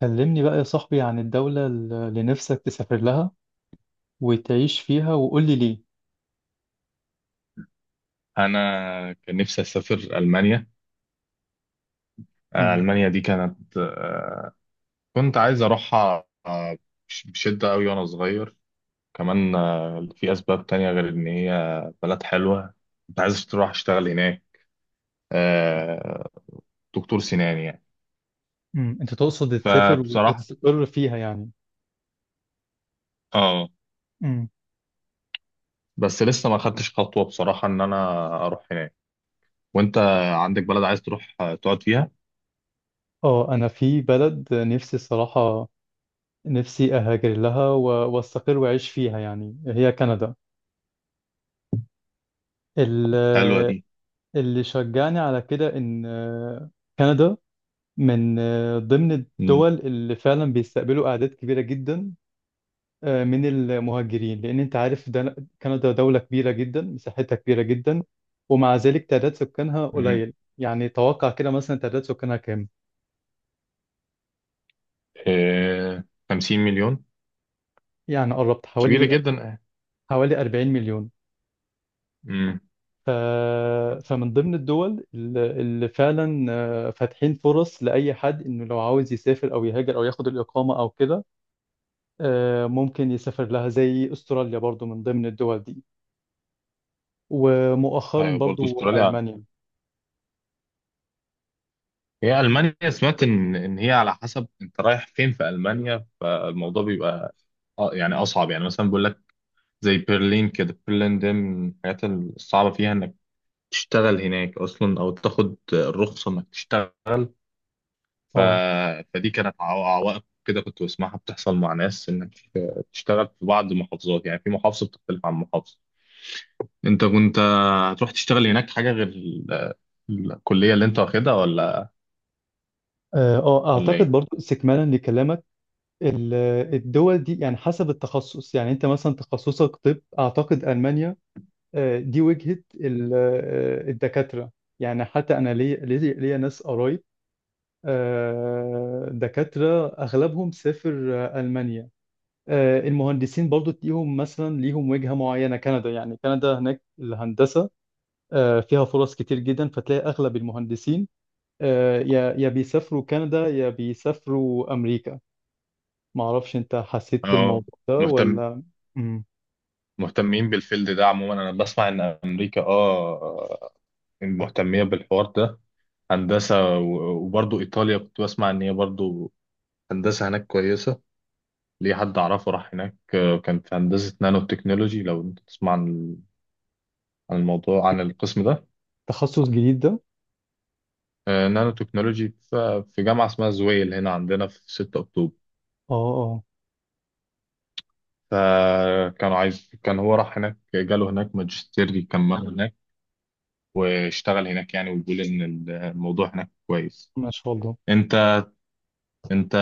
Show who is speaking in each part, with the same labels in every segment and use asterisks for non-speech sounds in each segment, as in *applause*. Speaker 1: كلمني بقى يا صاحبي عن الدولة اللي نفسك تسافر لها وتعيش فيها وقول لي ليه.
Speaker 2: انا كان نفسي اسافر المانيا.
Speaker 1: مم.
Speaker 2: المانيا دي كانت. كنت عايز اروحها بشده قوي وانا صغير كمان. في اسباب تانية غير ان هي بلد حلوه. كنت عايز اروح اشتغل هناك، آه، دكتور سنان يعني.
Speaker 1: مم. انت تقصد تسافر و-
Speaker 2: فبصراحه،
Speaker 1: وتستقر فيها يعني.
Speaker 2: اه،
Speaker 1: مم.
Speaker 2: بس لسه ما خدتش خطوه بصراحه ان انا اروح هناك. وانت عندك بلد عايز تروح تقعد فيها؟
Speaker 1: اه، انا في بلد نفسي الصراحة، نفسي اهاجر لها واستقر واعيش فيها، يعني هي كندا.
Speaker 2: حلوه
Speaker 1: ال-
Speaker 2: دي.
Speaker 1: اللي شجعني على كده ان كندا من ضمن
Speaker 2: امم
Speaker 1: الدول اللي فعلا بيستقبلوا اعداد كبيرة جدا من المهاجرين. لأن أنت عارف ده كندا دولة كبيرة جدا، مساحتها كبيرة جدا، ومع ذلك تعداد سكانها
Speaker 2: امم
Speaker 1: قليل. يعني توقع كده مثلا، تعداد سكانها كام؟
Speaker 2: 50 مليون.
Speaker 1: يعني قربت
Speaker 2: كبيره
Speaker 1: حوالي
Speaker 2: جدا.
Speaker 1: حوالي 40 مليون.
Speaker 2: امم
Speaker 1: ف... فمن ضمن الدول اللي فعلا فاتحين فرص لأي حد، إنه لو عاوز يسافر أو يهاجر أو ياخد الإقامة أو كده، ممكن يسافر لها، زي أستراليا برضو من ضمن الدول دي، ومؤخرا
Speaker 2: ايوه، برضه
Speaker 1: برضو
Speaker 2: استراليا.
Speaker 1: ألمانيا.
Speaker 2: هي المانيا سمعت ان هي على حسب انت رايح فين في المانيا، فالموضوع بيبقى يعني اصعب. يعني مثلا بيقول لك زي برلين كده، برلين ده من الحاجات الصعبه فيها انك تشتغل هناك اصلا او تاخد الرخصه انك تشتغل. ف...
Speaker 1: اه،
Speaker 2: فدي كانت عوائق كده كنت بسمعها بتحصل مع ناس، انك تشتغل في بعض المحافظات. يعني في محافظه بتختلف عن محافظه، انت كنت هتروح تشتغل هناك حاجه غير الكليه اللي انت واخدها، ولا
Speaker 1: اه،
Speaker 2: ولا
Speaker 1: اعتقد
Speaker 2: ايه؟
Speaker 1: برضو استكمالا لكلامك. ال- الدول دي يعني حسب التخصص، يعني انت مثلا تخصصك طب، اعتقد المانيا دي وجهة الدكاترة. يعني حتى انا، ليا ناس قرايب دكاترة اغلبهم سافر المانيا. المهندسين برضو ليهم مثلا، ليهم وجهة معينة كندا. يعني كندا هناك الهندسة فيها فرص كتير جدا، فتلاقي اغلب المهندسين يا بيسافروا كندا يا بيسافروا امريكا. ما اعرفش انت حسيت
Speaker 2: اه،
Speaker 1: بالموضوع ده
Speaker 2: مهتم
Speaker 1: ولا؟ مم.
Speaker 2: مهتمين بالفيلد ده عموما. انا بسمع ان امريكا اه مهتميه بالحوار ده، هندسه، وبرضو ايطاليا كنت بسمع ان هي برضو هندسه هناك كويسه. ليه حد اعرفه راح هناك. كان في هندسه نانو تكنولوجي، لو انت تسمع عن الموضوع، عن القسم ده.
Speaker 1: تخصص جديد ده.
Speaker 2: نانو تكنولوجي في جامعه اسمها زويل هنا عندنا في 6 اكتوبر.
Speaker 1: اه، اه،
Speaker 2: فكانوا عايز، كان هو راح هناك، جاله هناك ماجستير يكمله هناك واشتغل هناك يعني. ويقول ان الموضوع هناك كويس.
Speaker 1: ما شاء الله.
Speaker 2: انت انت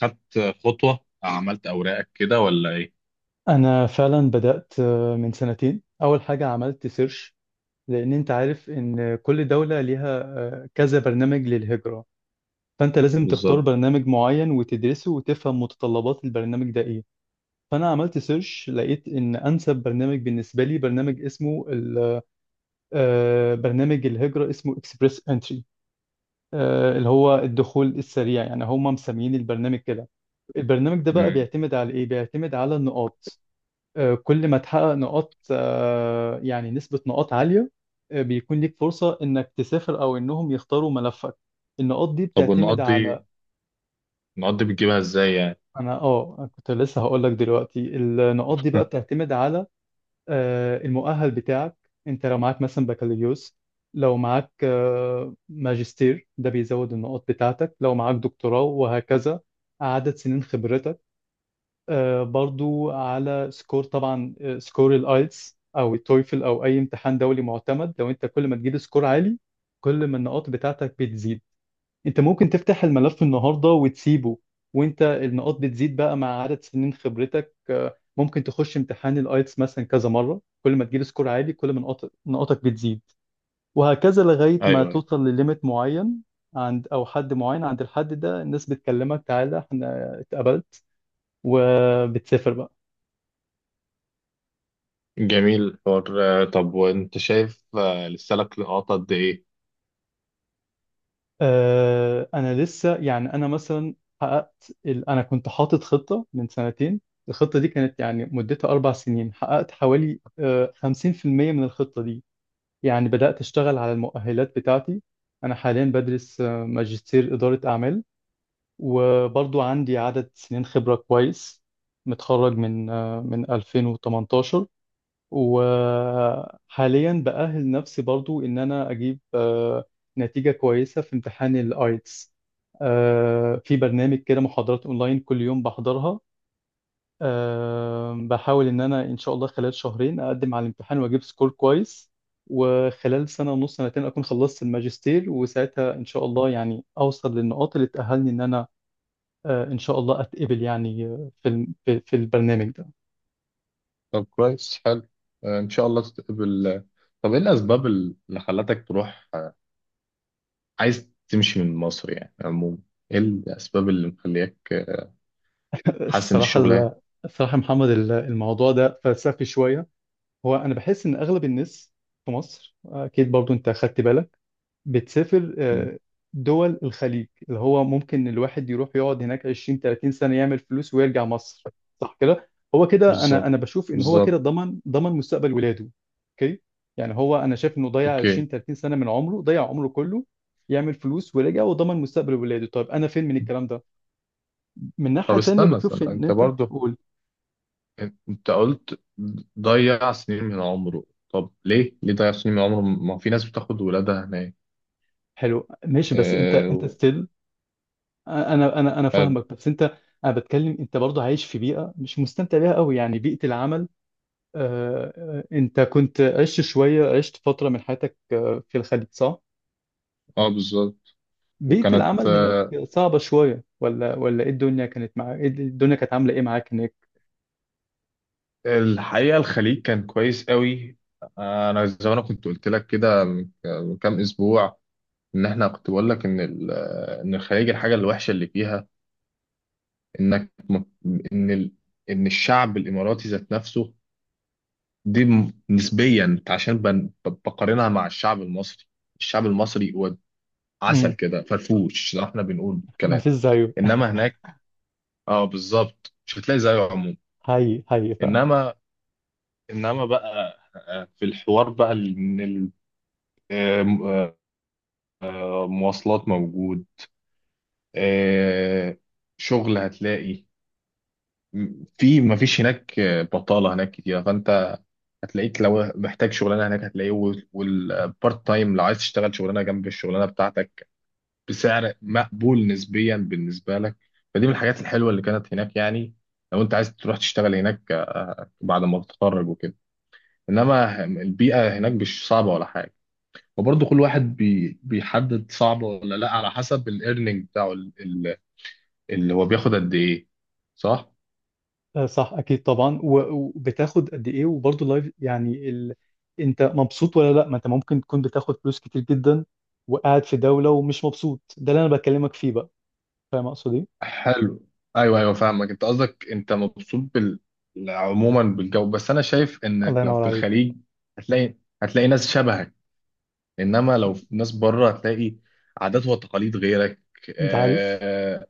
Speaker 2: خدت خطوة، عملت اوراقك كده ولا ايه؟
Speaker 1: انا فعلا بدأت من سنتين، اول حاجة عملت سيرش. لان انت عارف ان كل دولة ليها كذا برنامج للهجرة. فانت لازم تختار
Speaker 2: بالظبط.
Speaker 1: برنامج معين وتدرسه وتفهم متطلبات البرنامج ده ايه. فانا عملت سيرش، لقيت ان انسب برنامج بالنسبة لي، برنامج اسمه برنامج الهجرة اسمه اكسبريس انتري، اللي هو الدخول السريع، يعني هم مسميين البرنامج كده. البرنامج ده بقى
Speaker 2: امم
Speaker 1: بيعتمد على ايه؟ بيعتمد على النقاط. كل ما تحقق نقاط، يعني نسبة نقاط عالية، بيكون ليك فرصة انك تسافر او انهم يختاروا ملفك. النقاط دي
Speaker 2: طب،
Speaker 1: بتعتمد
Speaker 2: والنقط
Speaker 1: على،
Speaker 2: دي النقط دي بتجيبها ازاي يعني؟
Speaker 1: انا كنت لسه هقول لك دلوقتي، النقاط دي بقى
Speaker 2: *laughs*
Speaker 1: بتعتمد على المؤهل بتاعك. انت لو معاك مثلا بكالوريوس، لو معاك ماجستير ده بيزود النقاط بتاعتك، لو معاك دكتوراه وهكذا. عدد سنين خبرتك برضو، على سكور طبعا، سكور الايلتس او التويفل او اي امتحان دولي معتمد. لو انت كل ما تجيب سكور عالي، كل ما النقاط بتاعتك بتزيد. انت ممكن تفتح الملف النهارده وتسيبه وانت النقاط بتزيد بقى مع عدد سنين خبرتك. ممكن تخش امتحان الايتس مثلا كذا مره، كل ما تجيب سكور عالي، كل ما نقاطك بتزيد. وهكذا لغايه ما
Speaker 2: ايوه، أيوة.
Speaker 1: توصل لليميت معين، عند او حد معين. عند الحد ده الناس بتكلمك تعالى احنا اتقبلت، وبتسافر بقى.
Speaker 2: جميل الحوار. طب وانت شايف لسه لك لقاطة قد ايه؟
Speaker 1: انا لسه يعني، انا مثلا حققت انا كنت حاطط خطه من سنتين، الخطه دي كانت يعني مدتها 4 سنين، حققت حوالي 50% من الخطه دي. يعني بدات اشتغل على المؤهلات بتاعتي. انا حاليا بدرس ماجستير اداره اعمال، وبرضو عندي عدد سنين خبره كويس. متخرج من 2018. وحاليا بأهل نفسي برضو إن أنا أجيب نتيجة كويسة في امتحان الآيتس. في برنامج كده محاضرات أونلاين كل يوم بحضرها. بحاول إن أنا إن شاء الله خلال شهرين أقدم على الامتحان وأجيب سكور كويس، وخلال سنة ونص سنتين أكون خلصت الماجستير، وساعتها إن شاء الله يعني أوصل للنقاط اللي تأهلني إن أنا إن شاء الله أتقبل يعني في في البرنامج ده.
Speaker 2: طب، كويس، حلو. ان شاء الله تتقبل. طب ايه الاسباب اللي خلتك تروح، عايز تمشي من مصر يعني عموما؟ ايه الاسباب اللي مخليك حاسس ان
Speaker 1: الصراحة،
Speaker 2: الشغل؟
Speaker 1: الصراحة يا محمد، الموضوع ده فلسفي شوية. هو أنا بحس إن أغلب الناس في مصر، أكيد برضو أنت أخدت بالك، بتسافر دول الخليج، اللي هو ممكن الواحد يروح يقعد هناك 20 30 سنة، يعمل فلوس ويرجع مصر. صح كده؟ هو كده أنا
Speaker 2: بالظبط،
Speaker 1: أنا بشوف إن هو كده
Speaker 2: بالظبط.
Speaker 1: ضمن مستقبل ولاده. أوكي؟ يعني هو أنا شايف إنه ضيع
Speaker 2: اوكي.
Speaker 1: 20 30 سنة من عمره، ضيع عمره كله يعمل فلوس ورجع وضمن مستقبل ولاده. طيب أنا فين من الكلام ده؟ من ناحية
Speaker 2: طب
Speaker 1: تانية
Speaker 2: استنى، استنى،
Speaker 1: بشوف إن
Speaker 2: انت
Speaker 1: أنت
Speaker 2: برضو،
Speaker 1: قول.
Speaker 2: انت قلت ضيع سنين من عمره. طب ليه ضيع سنين من عمره؟ ما في ناس بتاخد ولادها هناك؟
Speaker 1: حلو ماشي، بس انت
Speaker 2: اه،
Speaker 1: ستيل. انا
Speaker 2: حلو.
Speaker 1: فاهمك، بس انت انا بتكلم، انت برضه عايش في بيئه مش مستمتع بيها قوي، يعني بيئه العمل. انت كنت عشت شويه، عشت فتره من حياتك في الخليج صح؟
Speaker 2: اه، بالظبط.
Speaker 1: بيئه
Speaker 2: وكانت،
Speaker 1: العمل هناك صعبه شويه ولا، ايه الدنيا كانت معاك، الدنيا كانت عامله ايه معاك هناك؟
Speaker 2: الحقيقة الخليج كان كويس قوي. انا زي ما انا كنت قلت لك كده من كام اسبوع، ان احنا، كنت بقول لك ان ال- آه، ان الخليج، الحاجة الوحشة اللي فيها انك م- ان ال- ان الشعب الاماراتي ذات نفسه، دي نسبيا عشان بقارنها مع الشعب المصري. الشعب المصري هو عسل
Speaker 1: امم.
Speaker 2: كده، فرفوش زي ما احنا بنقول
Speaker 1: ما
Speaker 2: كلام.
Speaker 1: فيش زيه.
Speaker 2: انما هناك، اه بالظبط، مش هتلاقي زيه عموما.
Speaker 1: هاي هاي.
Speaker 2: انما انما بقى في الحوار بقى ال- ان ال- آه، م- آه، مواصلات موجود. آه، شغل هتلاقي. في ما فيش هناك بطالة هناك كتير، فانت هتلاقيك لو محتاج شغلانة هناك هتلاقيه. والبارت تايم لو عايز تشتغل شغلانة جنب الشغلانة بتاعتك بسعر مقبول نسبيا بالنسبه لك. فدي من الحاجات الحلوه اللي كانت هناك يعني، لو انت عايز تروح تشتغل هناك بعد ما تتخرج وكده. انما البيئه هناك مش صعبه ولا حاجه. وبرضه كل واحد بيحدد صعبه ولا لا على حسب الايرنينج بتاعه، اللي هو بياخد قد ايه. صح.
Speaker 1: صح اكيد طبعا، وبتاخد قد ايه وبرضه لايف، يعني انت مبسوط ولا لا. ما انت ممكن تكون بتاخد فلوس كتير جدا وقاعد في دولة ومش مبسوط. ده اللي انا بكلمك فيه بقى. فاهم اقصد ايه؟
Speaker 2: حلو. ايوه، ايوه، فاهمك. انت قصدك انت مبسوط بال عموما، بالجو. بس انا شايف
Speaker 1: الله
Speaker 2: انك لو
Speaker 1: ينور
Speaker 2: في
Speaker 1: عليك.
Speaker 2: الخليج هتلاقي هتلاقي ناس شبهك. انما لو في ناس بره هتلاقي عادات وتقاليد غيرك.
Speaker 1: انت عارف
Speaker 2: آه،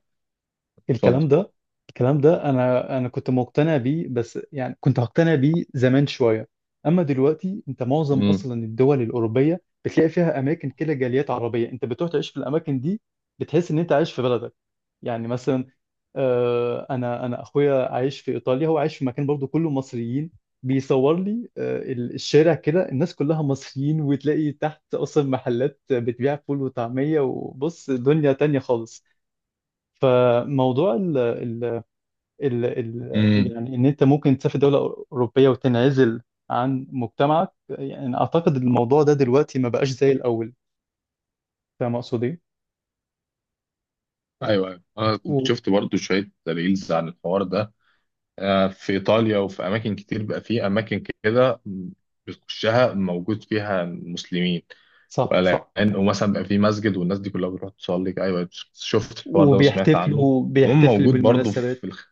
Speaker 2: اتفضل.
Speaker 1: الكلام ده. الكلام ده انا كنت مقتنع بيه، بس يعني كنت هقتنع بيه زمان شوية. اما دلوقتي انت معظم
Speaker 2: امم،
Speaker 1: اصلا الدول الاوروبية بتلاقي فيها اماكن كده جاليات عربية. انت بتروح تعيش في الاماكن دي، بتحس ان انت عايش في بلدك. يعني مثلا انا اخويا عايش في ايطاليا، هو عايش في مكان برضو كله مصريين. بيصور لي الشارع كده الناس كلها مصريين، وتلاقي تحت اصلا محلات بتبيع فول وطعمية. وبص دنيا تانية خالص. فموضوع ال ال ال ال
Speaker 2: امم،
Speaker 1: يعني ان انت ممكن تسافر دولة اوروبية وتنعزل عن مجتمعك، يعني اعتقد الموضوع ده دلوقتي ما بقاش زي الاول. فاهم اقصد ايه؟
Speaker 2: ايوه، ايوه، انا كنت
Speaker 1: و-
Speaker 2: شفت برضو شويه ريلز عن الحوار ده. في ايطاليا وفي اماكن كتير بقى، في اماكن كده بتخشها موجود فيها مسلمين.
Speaker 1: صح، صح.
Speaker 2: والان، ومثلا بقى في مسجد والناس دي كلها بتروح تصلي، ايوه، شفت الحوار ده وسمعت عنه. وهم
Speaker 1: بيحتفل
Speaker 2: موجود برضو
Speaker 1: بالمناسبات.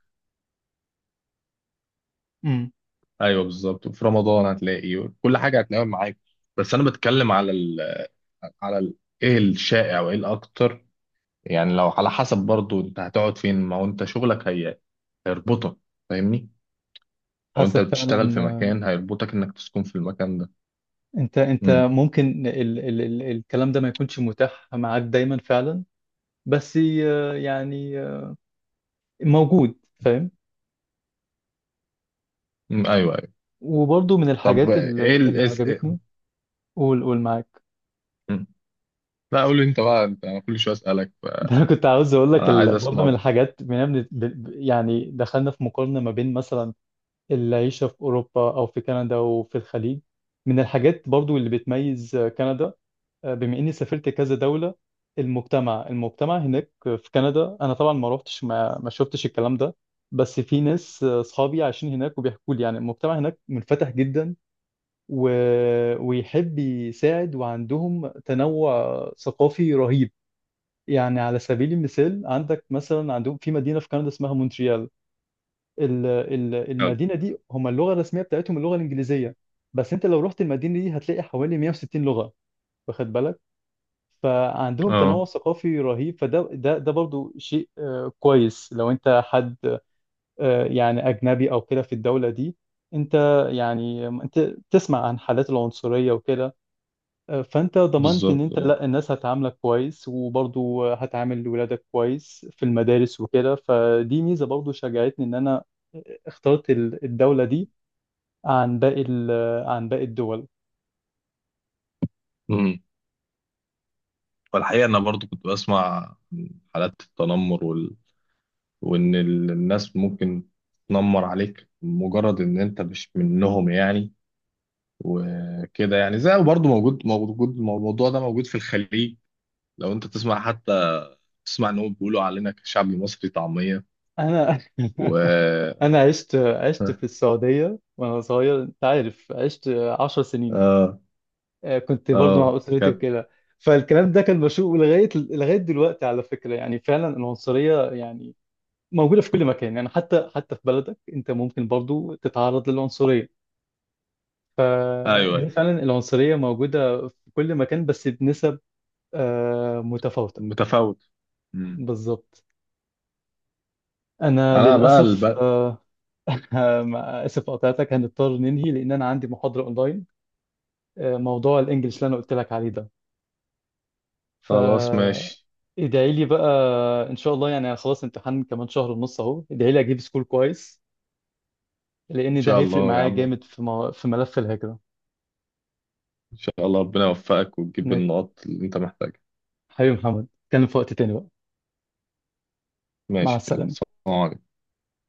Speaker 1: امم.
Speaker 2: ايوه، بالظبط، في رمضان هتلاقي كل حاجه هتلاقيها معاك. بس انا بتكلم على ال- ايه الشائع وايه الاكتر؟ يعني لو على حسب برضو انت هتقعد فين. ما هو انت شغلك هي هيربطك، فاهمني؟ لو انت
Speaker 1: حسب
Speaker 2: بتشتغل
Speaker 1: فعلا،
Speaker 2: في مكان هيربطك انك تسكن في المكان ده.
Speaker 1: انت
Speaker 2: امم.
Speaker 1: ممكن ال ال ال الكلام ده ما يكونش متاح معاك دايما فعلا. بس يعني موجود، فاهم.
Speaker 2: أمم، ايوه، ايوه.
Speaker 1: وبرضه من
Speaker 2: طب
Speaker 1: الحاجات
Speaker 2: ايه ال
Speaker 1: اللي
Speaker 2: إيه س- إيه-
Speaker 1: عجبتني. قول قول معاك. *laughs*
Speaker 2: أمم. لا، قول لي انت بقى. انا كل شويه اسالك.
Speaker 1: ده انا كنت عاوز اقول لك،
Speaker 2: انا عايز
Speaker 1: برضه من
Speaker 2: اسمع.
Speaker 1: الحاجات، بما إن يعني دخلنا في مقارنة ما بين مثلا العيشة في اوروبا او في كندا وفي الخليج، من الحاجات برضه اللي بتميز كندا، بما اني سافرت كذا دولة، المجتمع، هناك في كندا، انا طبعا ما روحتش، ما شفتش الكلام ده. بس في ناس اصحابي عايشين هناك وبيحكوا لي يعني المجتمع هناك منفتح جدا و... ويحب يساعد، وعندهم تنوع ثقافي رهيب. يعني على سبيل المثال، عندك مثلا، عندهم في مدينة في كندا اسمها مونتريال.
Speaker 2: يلا.
Speaker 1: المدينة دي هم اللغة الرسمية بتاعتهم اللغة الإنجليزية، بس انت لو رحت المدينة دي هتلاقي حوالي 160 لغة. واخد بالك؟ فعندهم تنوع
Speaker 2: اه،
Speaker 1: ثقافي رهيب. فده ده ده برضو شيء كويس لو انت حد يعني اجنبي او كده في الدولة دي. انت، يعني انت تسمع عن حالات العنصرية وكده، فانت ضمنت ان
Speaker 2: بالظبط.
Speaker 1: انت
Speaker 2: اه.
Speaker 1: لا، الناس هتعاملك كويس، وبرضو هتعامل ولادك كويس في المدارس وكده. فدي ميزة برضو شجعتني ان انا اخترت الدولة دي عن باقي عن باقي الدول.
Speaker 2: امم والحقيقه انا برضو كنت بسمع عن حالات التنمر وان الناس ممكن تنمر عليك مجرد ان انت مش منهم يعني. وكده يعني زي برضه موجود الموضوع ده موجود في الخليج. لو انت تسمع، حتى تسمع ان هم بيقولوا علينا كشعب مصري طعمية.
Speaker 1: انا
Speaker 2: و
Speaker 1: *laughs*
Speaker 2: *laughs*
Speaker 1: انا عشت في السعوديه وانا صغير، انت عارف، عشت 10 سنين.
Speaker 2: اه،
Speaker 1: كنت برضو مع
Speaker 2: اه،
Speaker 1: اسرتي
Speaker 2: كانت.
Speaker 1: وكده. فالكلام ده كان مشوق لغايه دلوقتي، على فكره. يعني فعلا العنصريه يعني موجوده في كل مكان، يعني حتى في بلدك انت ممكن برضو تتعرض للعنصريه.
Speaker 2: ايوه،
Speaker 1: هي
Speaker 2: أيوة.
Speaker 1: فعلا العنصريه موجوده في كل مكان بس بنسب متفاوته.
Speaker 2: متفاوت. مم.
Speaker 1: بالظبط. انا
Speaker 2: انا بقى
Speaker 1: للاسف،
Speaker 2: البقى.
Speaker 1: *laughs* اسف قطعتك، هنضطر ننهي لان انا عندي محاضره اونلاين، موضوع الانجليش اللي انا قلت لك عليه ده.
Speaker 2: خلاص، ماشي.
Speaker 1: فادعي لي بقى، ان شاء الله. يعني أنا خلاص امتحان كمان شهر ونص اهو، ادعي لي اجيب سكور كويس،
Speaker 2: ان
Speaker 1: لان ده
Speaker 2: شاء
Speaker 1: هيفرق
Speaker 2: الله يا
Speaker 1: معايا
Speaker 2: عم.
Speaker 1: جامد في في ملف الهجرة.
Speaker 2: ان شاء الله ربنا يوفقك وتجيب
Speaker 1: إن-
Speaker 2: النقط اللي انت محتاجها.
Speaker 1: حبيبي محمد، اتكلم في وقت تاني بقى. مع
Speaker 2: ماشي، يلا،
Speaker 1: السلامة.
Speaker 2: سلام عليكم.